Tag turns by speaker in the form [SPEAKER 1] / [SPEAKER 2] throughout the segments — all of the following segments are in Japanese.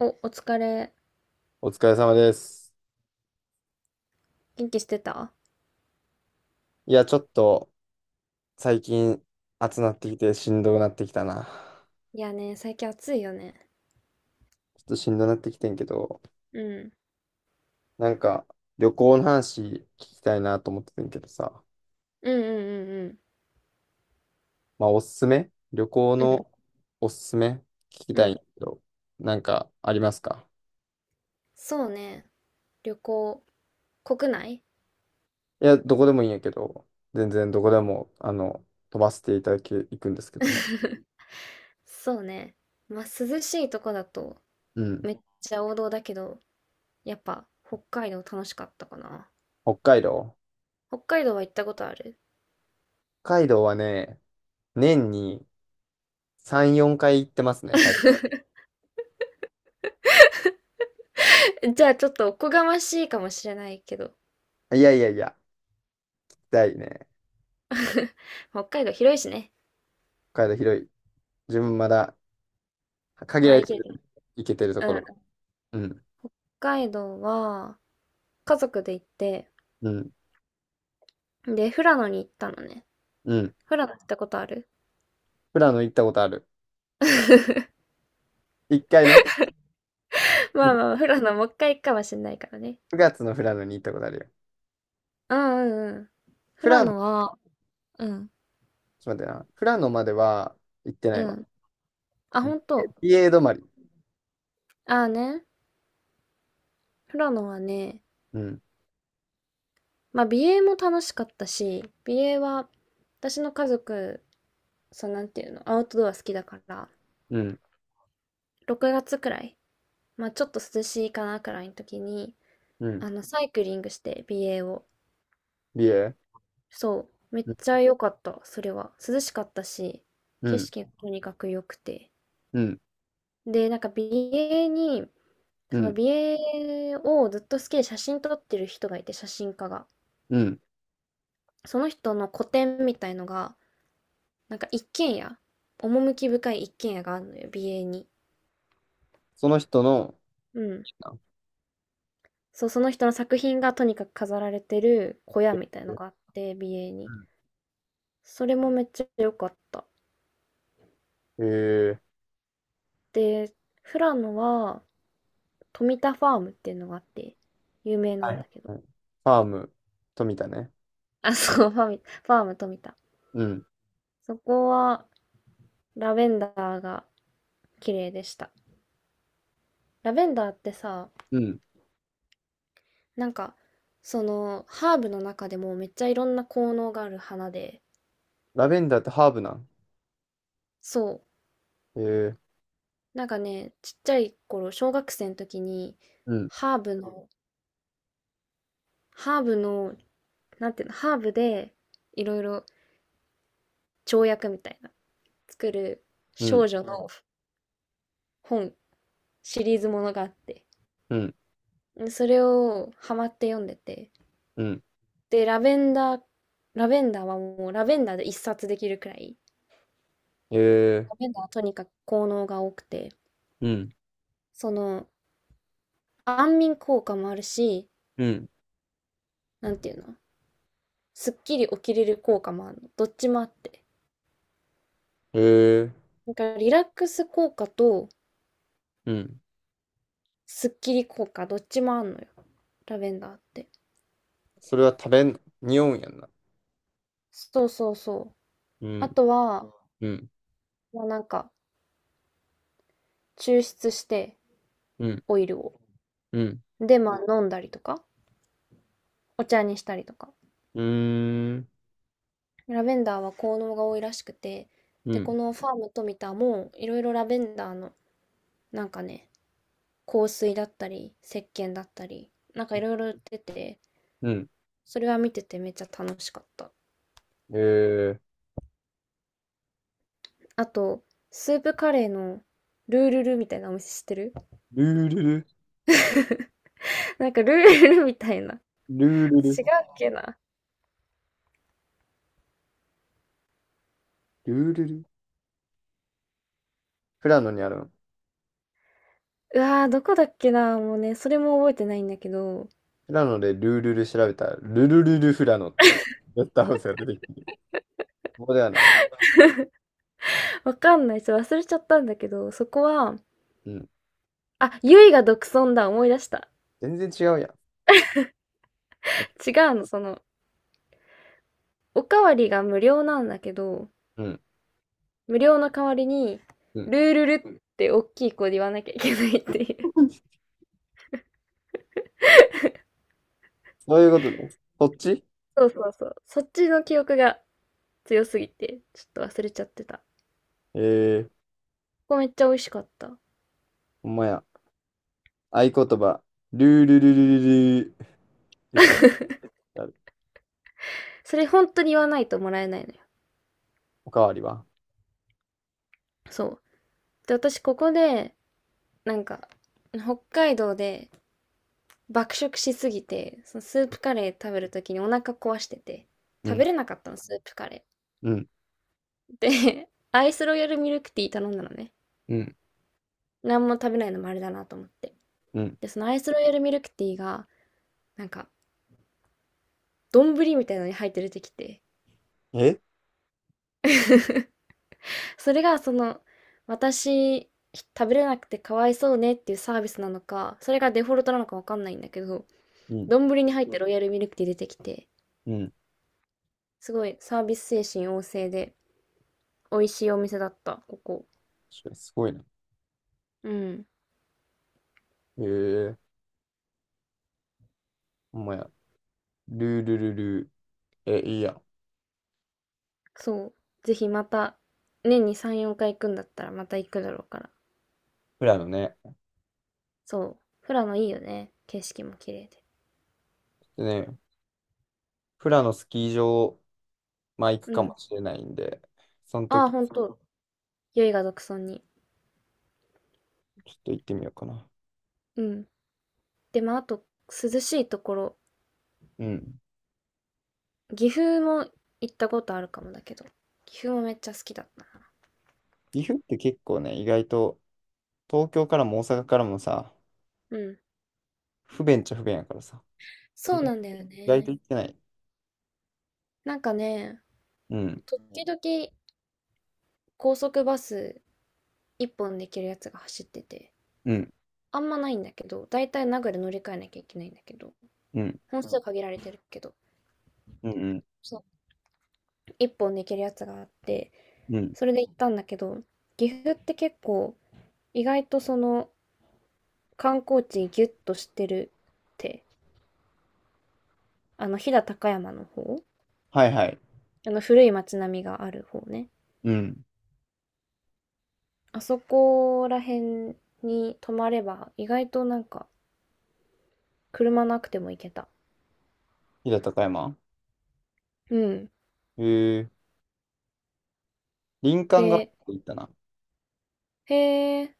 [SPEAKER 1] お疲れ。
[SPEAKER 2] お疲れ様です。
[SPEAKER 1] 元気してた？
[SPEAKER 2] いや、ちょっと最近暑なってきてしんどくなってきたな。
[SPEAKER 1] いやね、最近暑いよね。
[SPEAKER 2] ちょっとしんどくなってきてんけど、
[SPEAKER 1] うん。
[SPEAKER 2] なんか旅行の話聞きたいなと思っててんけどさ、
[SPEAKER 1] うんうん
[SPEAKER 2] まあおすすめ旅行
[SPEAKER 1] うんうん。う
[SPEAKER 2] の
[SPEAKER 1] ん。
[SPEAKER 2] おすすめ聞き
[SPEAKER 1] う
[SPEAKER 2] たいん
[SPEAKER 1] ん、
[SPEAKER 2] だけど、なんかありますか？
[SPEAKER 1] そうね。旅行、国内。
[SPEAKER 2] いや、どこでもいいんやけど、全然どこでも、飛ばせていただき、いくんですけども。
[SPEAKER 1] そうね。まあ、涼しいとこだと
[SPEAKER 2] うん。
[SPEAKER 1] めっちゃ王道だけど、やっぱ北海道楽しかったかな。
[SPEAKER 2] 北海道。
[SPEAKER 1] 北海道は行ったことある？
[SPEAKER 2] 北海道はね、年に3、4回行ってますね、最
[SPEAKER 1] じゃあちょっとおこがましいかもしれないけど。
[SPEAKER 2] 近。いやいやいや、行きたいね。
[SPEAKER 1] 北海道広いしね。
[SPEAKER 2] 北海道広い。自分まだ限ら
[SPEAKER 1] 回
[SPEAKER 2] れ
[SPEAKER 1] り
[SPEAKER 2] て
[SPEAKER 1] きれ
[SPEAKER 2] る、
[SPEAKER 1] てない。
[SPEAKER 2] 行けてるとこ
[SPEAKER 1] うん。
[SPEAKER 2] ろ。
[SPEAKER 1] 北
[SPEAKER 2] うん、
[SPEAKER 1] 海道は家族で行って、
[SPEAKER 2] うん、
[SPEAKER 1] で、富良野に行ったのね。
[SPEAKER 2] うん。
[SPEAKER 1] 富良野行ったことある？
[SPEAKER 2] 富良野行ったことある。一回ね、
[SPEAKER 1] まあまあ、富良野もう一回行くかもしんないからね。
[SPEAKER 2] 9月の富良野に行ったことあるよ。
[SPEAKER 1] うんうんうん。
[SPEAKER 2] 富
[SPEAKER 1] 富良
[SPEAKER 2] 良野、ちょ
[SPEAKER 1] 野
[SPEAKER 2] っ
[SPEAKER 1] は、うん、
[SPEAKER 2] と待ってな。富良野までは行ってない
[SPEAKER 1] う
[SPEAKER 2] わ。
[SPEAKER 1] ん。あ、本当。
[SPEAKER 2] 美瑛止まり。
[SPEAKER 1] ああね。富良野はね、
[SPEAKER 2] うん、
[SPEAKER 1] まあ美瑛も楽しかったし、美瑛は私の家族、そう、なんていうの、アウトドア好きだから、
[SPEAKER 2] うん、
[SPEAKER 1] 6月くらい、まあちょっと涼しいかなくらいの時に、
[SPEAKER 2] うん。
[SPEAKER 1] サイクリングして美瑛を。
[SPEAKER 2] 美瑛。
[SPEAKER 1] そう。めっ
[SPEAKER 2] う
[SPEAKER 1] ちゃ良かった、それは。涼しかったし、景
[SPEAKER 2] ん、
[SPEAKER 1] 色がとにかく良くて。
[SPEAKER 2] うん、
[SPEAKER 1] で、なんか美瑛に、
[SPEAKER 2] う
[SPEAKER 1] その
[SPEAKER 2] ん、
[SPEAKER 1] 美瑛をずっと好きで写真撮ってる人がいて、写真家が。
[SPEAKER 2] うん。
[SPEAKER 1] その人の個展みたいのが、なんか一軒家、趣深い一軒家があるのよ、美瑛に。
[SPEAKER 2] その人の、
[SPEAKER 1] うん。
[SPEAKER 2] あ
[SPEAKER 1] そう、その人の作品がとにかく飾られてる小屋
[SPEAKER 2] え
[SPEAKER 1] みたいのがあって、美瑛
[SPEAKER 2] う
[SPEAKER 1] に。
[SPEAKER 2] ん
[SPEAKER 1] それもめっちゃ良かった。
[SPEAKER 2] えー、
[SPEAKER 1] で、富良野は、富田ファームっていうのがあって、有名な
[SPEAKER 2] は
[SPEAKER 1] ん
[SPEAKER 2] い
[SPEAKER 1] だけど。
[SPEAKER 2] ファーム、富田ね。
[SPEAKER 1] あ、そう、ファーム富田。
[SPEAKER 2] うん、
[SPEAKER 1] そこは、ラベンダーが綺麗でした。ラベンダーってさ、
[SPEAKER 2] うん。
[SPEAKER 1] なんか、その、ハーブの中でもめっちゃいろんな効能がある花で、
[SPEAKER 2] ラベンダーってハーブなん？
[SPEAKER 1] そ
[SPEAKER 2] えー、
[SPEAKER 1] う、なんかね、ちっちゃい頃、小学生の時に、
[SPEAKER 2] うん、
[SPEAKER 1] ハーブの、ハーブの、なんていうの、ハーブで、いろいろ調薬みたいな、作る
[SPEAKER 2] う
[SPEAKER 1] 少
[SPEAKER 2] ん、
[SPEAKER 1] 女の本、シリーズものがあって、
[SPEAKER 2] うん、
[SPEAKER 1] それをハマって読んでて、
[SPEAKER 2] うん。
[SPEAKER 1] で、ラベンダー、ラベンダーはもう、ラベンダーで一冊できるくらい、
[SPEAKER 2] ええ
[SPEAKER 1] ラベンダーはとにかく効能が多くて、
[SPEAKER 2] うん、
[SPEAKER 1] その、安眠効果もあるし、
[SPEAKER 2] うん、
[SPEAKER 1] なんていうの、すっきり起きれる効果もあるの。どっちもあって。
[SPEAKER 2] ー、
[SPEAKER 1] なんかリラックス効果と
[SPEAKER 2] うん、
[SPEAKER 1] すっきり効果どっちもあんのよ。ラベンダーって。
[SPEAKER 2] それは食べん、匂うんやんな。
[SPEAKER 1] そうそうそう。
[SPEAKER 2] う
[SPEAKER 1] あ
[SPEAKER 2] ん、
[SPEAKER 1] とは、
[SPEAKER 2] うん、
[SPEAKER 1] まあなんか抽出して
[SPEAKER 2] うん、
[SPEAKER 1] オイルを。
[SPEAKER 2] うん、
[SPEAKER 1] で、まあ飲んだりとか、お茶にしたりとか。
[SPEAKER 2] うーん、
[SPEAKER 1] ラベンダーは効能が多いらしくて、
[SPEAKER 2] う
[SPEAKER 1] で、こ
[SPEAKER 2] ん、
[SPEAKER 1] のファーム富田もいろいろラベンダーの、なんかね、香水だったり、石鹸だったり、なんかいろいろ出てて、
[SPEAKER 2] うん。
[SPEAKER 1] それは見ててめっちゃ楽しかった。
[SPEAKER 2] ええ
[SPEAKER 1] あと、スープカレーのルールルみたいなお店知ってる？
[SPEAKER 2] ルールル、
[SPEAKER 1] なんかルールルみたいな。違うっ
[SPEAKER 2] ルールル、
[SPEAKER 1] けな。
[SPEAKER 2] ルールル。富良野にあるの？
[SPEAKER 1] うわー、どこだっけな。もうね、それも覚えてないんだけど、
[SPEAKER 2] 富良野でルールル調べたら、ルルルル富良野っていうゲストハウスが出てきて、ここではない。
[SPEAKER 1] わかんない。ちょっと忘れちゃったんだけど、そこは、
[SPEAKER 2] うん。
[SPEAKER 1] あ、ゆいが独尊だ。思い出した。
[SPEAKER 2] 全然違うやん。
[SPEAKER 1] 違うの、その、おかわりが無料なんだけど、
[SPEAKER 2] うん。
[SPEAKER 1] 無料の代わりに、
[SPEAKER 2] うん。
[SPEAKER 1] ルールルって大きい声で言わなきゃいけないっていう。
[SPEAKER 2] そういうことね。こっち
[SPEAKER 1] そうそうそう。そっちの記憶が強すぎて、ちょっと忘れちゃってた。
[SPEAKER 2] えー、
[SPEAKER 1] こめっちゃ美味しかった。
[SPEAKER 2] ほんまや。合言葉、ルールルルルルー、出てきた。
[SPEAKER 1] それ本当に言わないともらえないのよ。
[SPEAKER 2] おかわりは
[SPEAKER 1] そう。で、私ここで、なんか、北海道で爆食しすぎて、そのスープカレー食べるときにお腹壊してて、
[SPEAKER 2] う
[SPEAKER 1] 食べ
[SPEAKER 2] ん、
[SPEAKER 1] れなかったの、スープカレ
[SPEAKER 2] うん、
[SPEAKER 1] ー。で、アイスロイヤルミルクティー頼んだのね。
[SPEAKER 2] うん、
[SPEAKER 1] 何も食べないのもあれだなと思って。
[SPEAKER 2] うん。
[SPEAKER 1] で、そのアイスロイヤルミルクティーが、なんか、丼みたいなのに入って出てきて、
[SPEAKER 2] え
[SPEAKER 1] それがその、私、食べれなくてかわいそうねっていうサービスなのか、それがデフォルトなのかわかんないんだけど、
[SPEAKER 2] うん、
[SPEAKER 1] 丼に入ってロイヤルミルクティー出てきて、
[SPEAKER 2] うん。
[SPEAKER 1] すごいサービス精神旺盛で、美味しいお店だった、ここ。
[SPEAKER 2] 確かにすごいな。
[SPEAKER 1] うん。
[SPEAKER 2] へえ、ほんまや。ルールルルー。え、いいやん。
[SPEAKER 1] そう。ぜひまた、年に3、4回行くんだったらまた行くだろうから。
[SPEAKER 2] 富良野ね。
[SPEAKER 1] そう。富良野いいよね。景色も綺麗で。
[SPEAKER 2] でね、富良野スキー場、まあ行く
[SPEAKER 1] う
[SPEAKER 2] か
[SPEAKER 1] ん。
[SPEAKER 2] もしれないんで、その
[SPEAKER 1] ああ、
[SPEAKER 2] 時、ち
[SPEAKER 1] ほんと。酔いが独尊に。
[SPEAKER 2] ょっと行ってみようかな。
[SPEAKER 1] うん。でもあと、涼しいところ、
[SPEAKER 2] うん。
[SPEAKER 1] 岐阜も行ったことあるかもだけど、岐阜もめっちゃ好きだったな。
[SPEAKER 2] 岐阜って結構ね、意外と、東京からも大阪からもさ、
[SPEAKER 1] うん。
[SPEAKER 2] 不便っちゃ不便やからさ、
[SPEAKER 1] そ
[SPEAKER 2] 意
[SPEAKER 1] う
[SPEAKER 2] 外
[SPEAKER 1] なんだ
[SPEAKER 2] 意
[SPEAKER 1] よ
[SPEAKER 2] 外と
[SPEAKER 1] ね。
[SPEAKER 2] 行ってない。
[SPEAKER 1] なんかね、
[SPEAKER 2] うん、
[SPEAKER 1] 時々高速バス一本できるやつが走ってて、
[SPEAKER 2] うん、
[SPEAKER 1] あんまないんだけど、だいたい名古屋で乗り換えなきゃいけないんだけど、
[SPEAKER 2] うん、
[SPEAKER 1] 本数限られてるけど、
[SPEAKER 2] うん、うん、
[SPEAKER 1] そう、一本できるやつがあって、
[SPEAKER 2] うん。
[SPEAKER 1] それで行ったんだけど、岐阜って結構意外とその観光地ギュッとしてるって、あの飛騨高山の方、
[SPEAKER 2] はいはい。
[SPEAKER 1] あの古い町並みがある方ね。
[SPEAKER 2] うん。
[SPEAKER 1] あそこら辺に泊まれば、意外となんか、車なくても行けた。
[SPEAKER 2] 飛騨高山。
[SPEAKER 1] うん。
[SPEAKER 2] へえ、林間学校
[SPEAKER 1] で、
[SPEAKER 2] 行ったな。
[SPEAKER 1] へえ、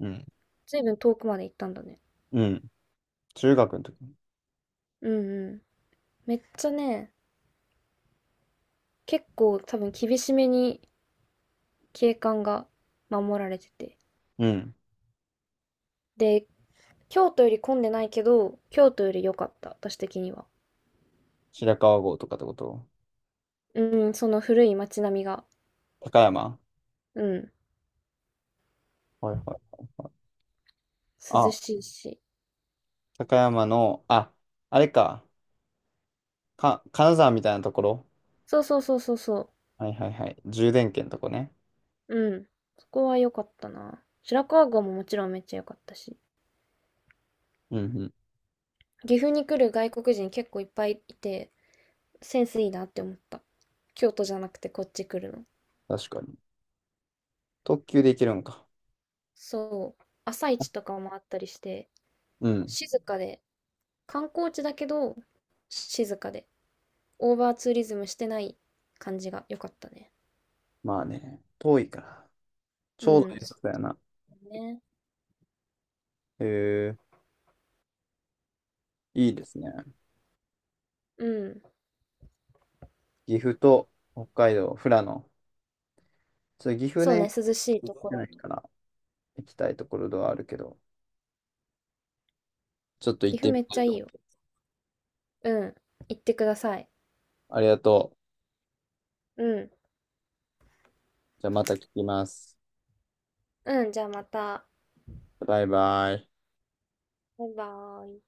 [SPEAKER 2] うん。
[SPEAKER 1] ずいぶん遠くまで行ったんだね。
[SPEAKER 2] うん。中学の時。
[SPEAKER 1] うんうん。めっちゃね、結構多分厳しめに景観が守られてて。
[SPEAKER 2] うん。
[SPEAKER 1] で、京都より混んでないけど、京都より良かった、私的には。
[SPEAKER 2] 白川郷とかってこと？
[SPEAKER 1] うん、その古い街並みが。
[SPEAKER 2] 高山
[SPEAKER 1] うん、
[SPEAKER 2] はいはいはいはい。
[SPEAKER 1] 涼
[SPEAKER 2] あ、
[SPEAKER 1] しいし。
[SPEAKER 2] 高山の、あ、あれか。金沢みたいなところ
[SPEAKER 1] そうそうそうそうそ
[SPEAKER 2] はいはいはい。充電圏のとこね。
[SPEAKER 1] う。うん。そこは良かったな。白川郷ももちろんめっちゃ良かったし。
[SPEAKER 2] うんうん。
[SPEAKER 1] 岐阜に来る外国人結構いっぱいいて、センスいいなって思った。京都じゃなくてこっち来るの。
[SPEAKER 2] 確かに。特急で行けるんか？
[SPEAKER 1] そう。朝市とかもあったりして、
[SPEAKER 2] うん。
[SPEAKER 1] 静かで、観光地だけど、静かで、オーバーツーリズムしてない感じが良かったね。
[SPEAKER 2] まあね。遠いから。ち
[SPEAKER 1] う
[SPEAKER 2] ょうど
[SPEAKER 1] ん、
[SPEAKER 2] いい
[SPEAKER 1] そ
[SPEAKER 2] さやな。
[SPEAKER 1] うね。
[SPEAKER 2] へえ、いいですね。
[SPEAKER 1] うん。
[SPEAKER 2] 岐阜と北海道、富良野。そう岐阜
[SPEAKER 1] そうね、
[SPEAKER 2] ね、
[SPEAKER 1] 涼しい
[SPEAKER 2] 行
[SPEAKER 1] と
[SPEAKER 2] っ
[SPEAKER 1] こ
[SPEAKER 2] てない
[SPEAKER 1] だ。
[SPEAKER 2] から行きたいところではあるけど、ちょっと行っ
[SPEAKER 1] 岐阜
[SPEAKER 2] てみ
[SPEAKER 1] めっ
[SPEAKER 2] た
[SPEAKER 1] ちゃ
[SPEAKER 2] い
[SPEAKER 1] いい
[SPEAKER 2] と。
[SPEAKER 1] よ。うん。行ってください。
[SPEAKER 2] ありがとう。
[SPEAKER 1] うん。
[SPEAKER 2] じゃあまた聞きます。
[SPEAKER 1] うん、じゃあまた。
[SPEAKER 2] バイバイ。
[SPEAKER 1] バイバーイ。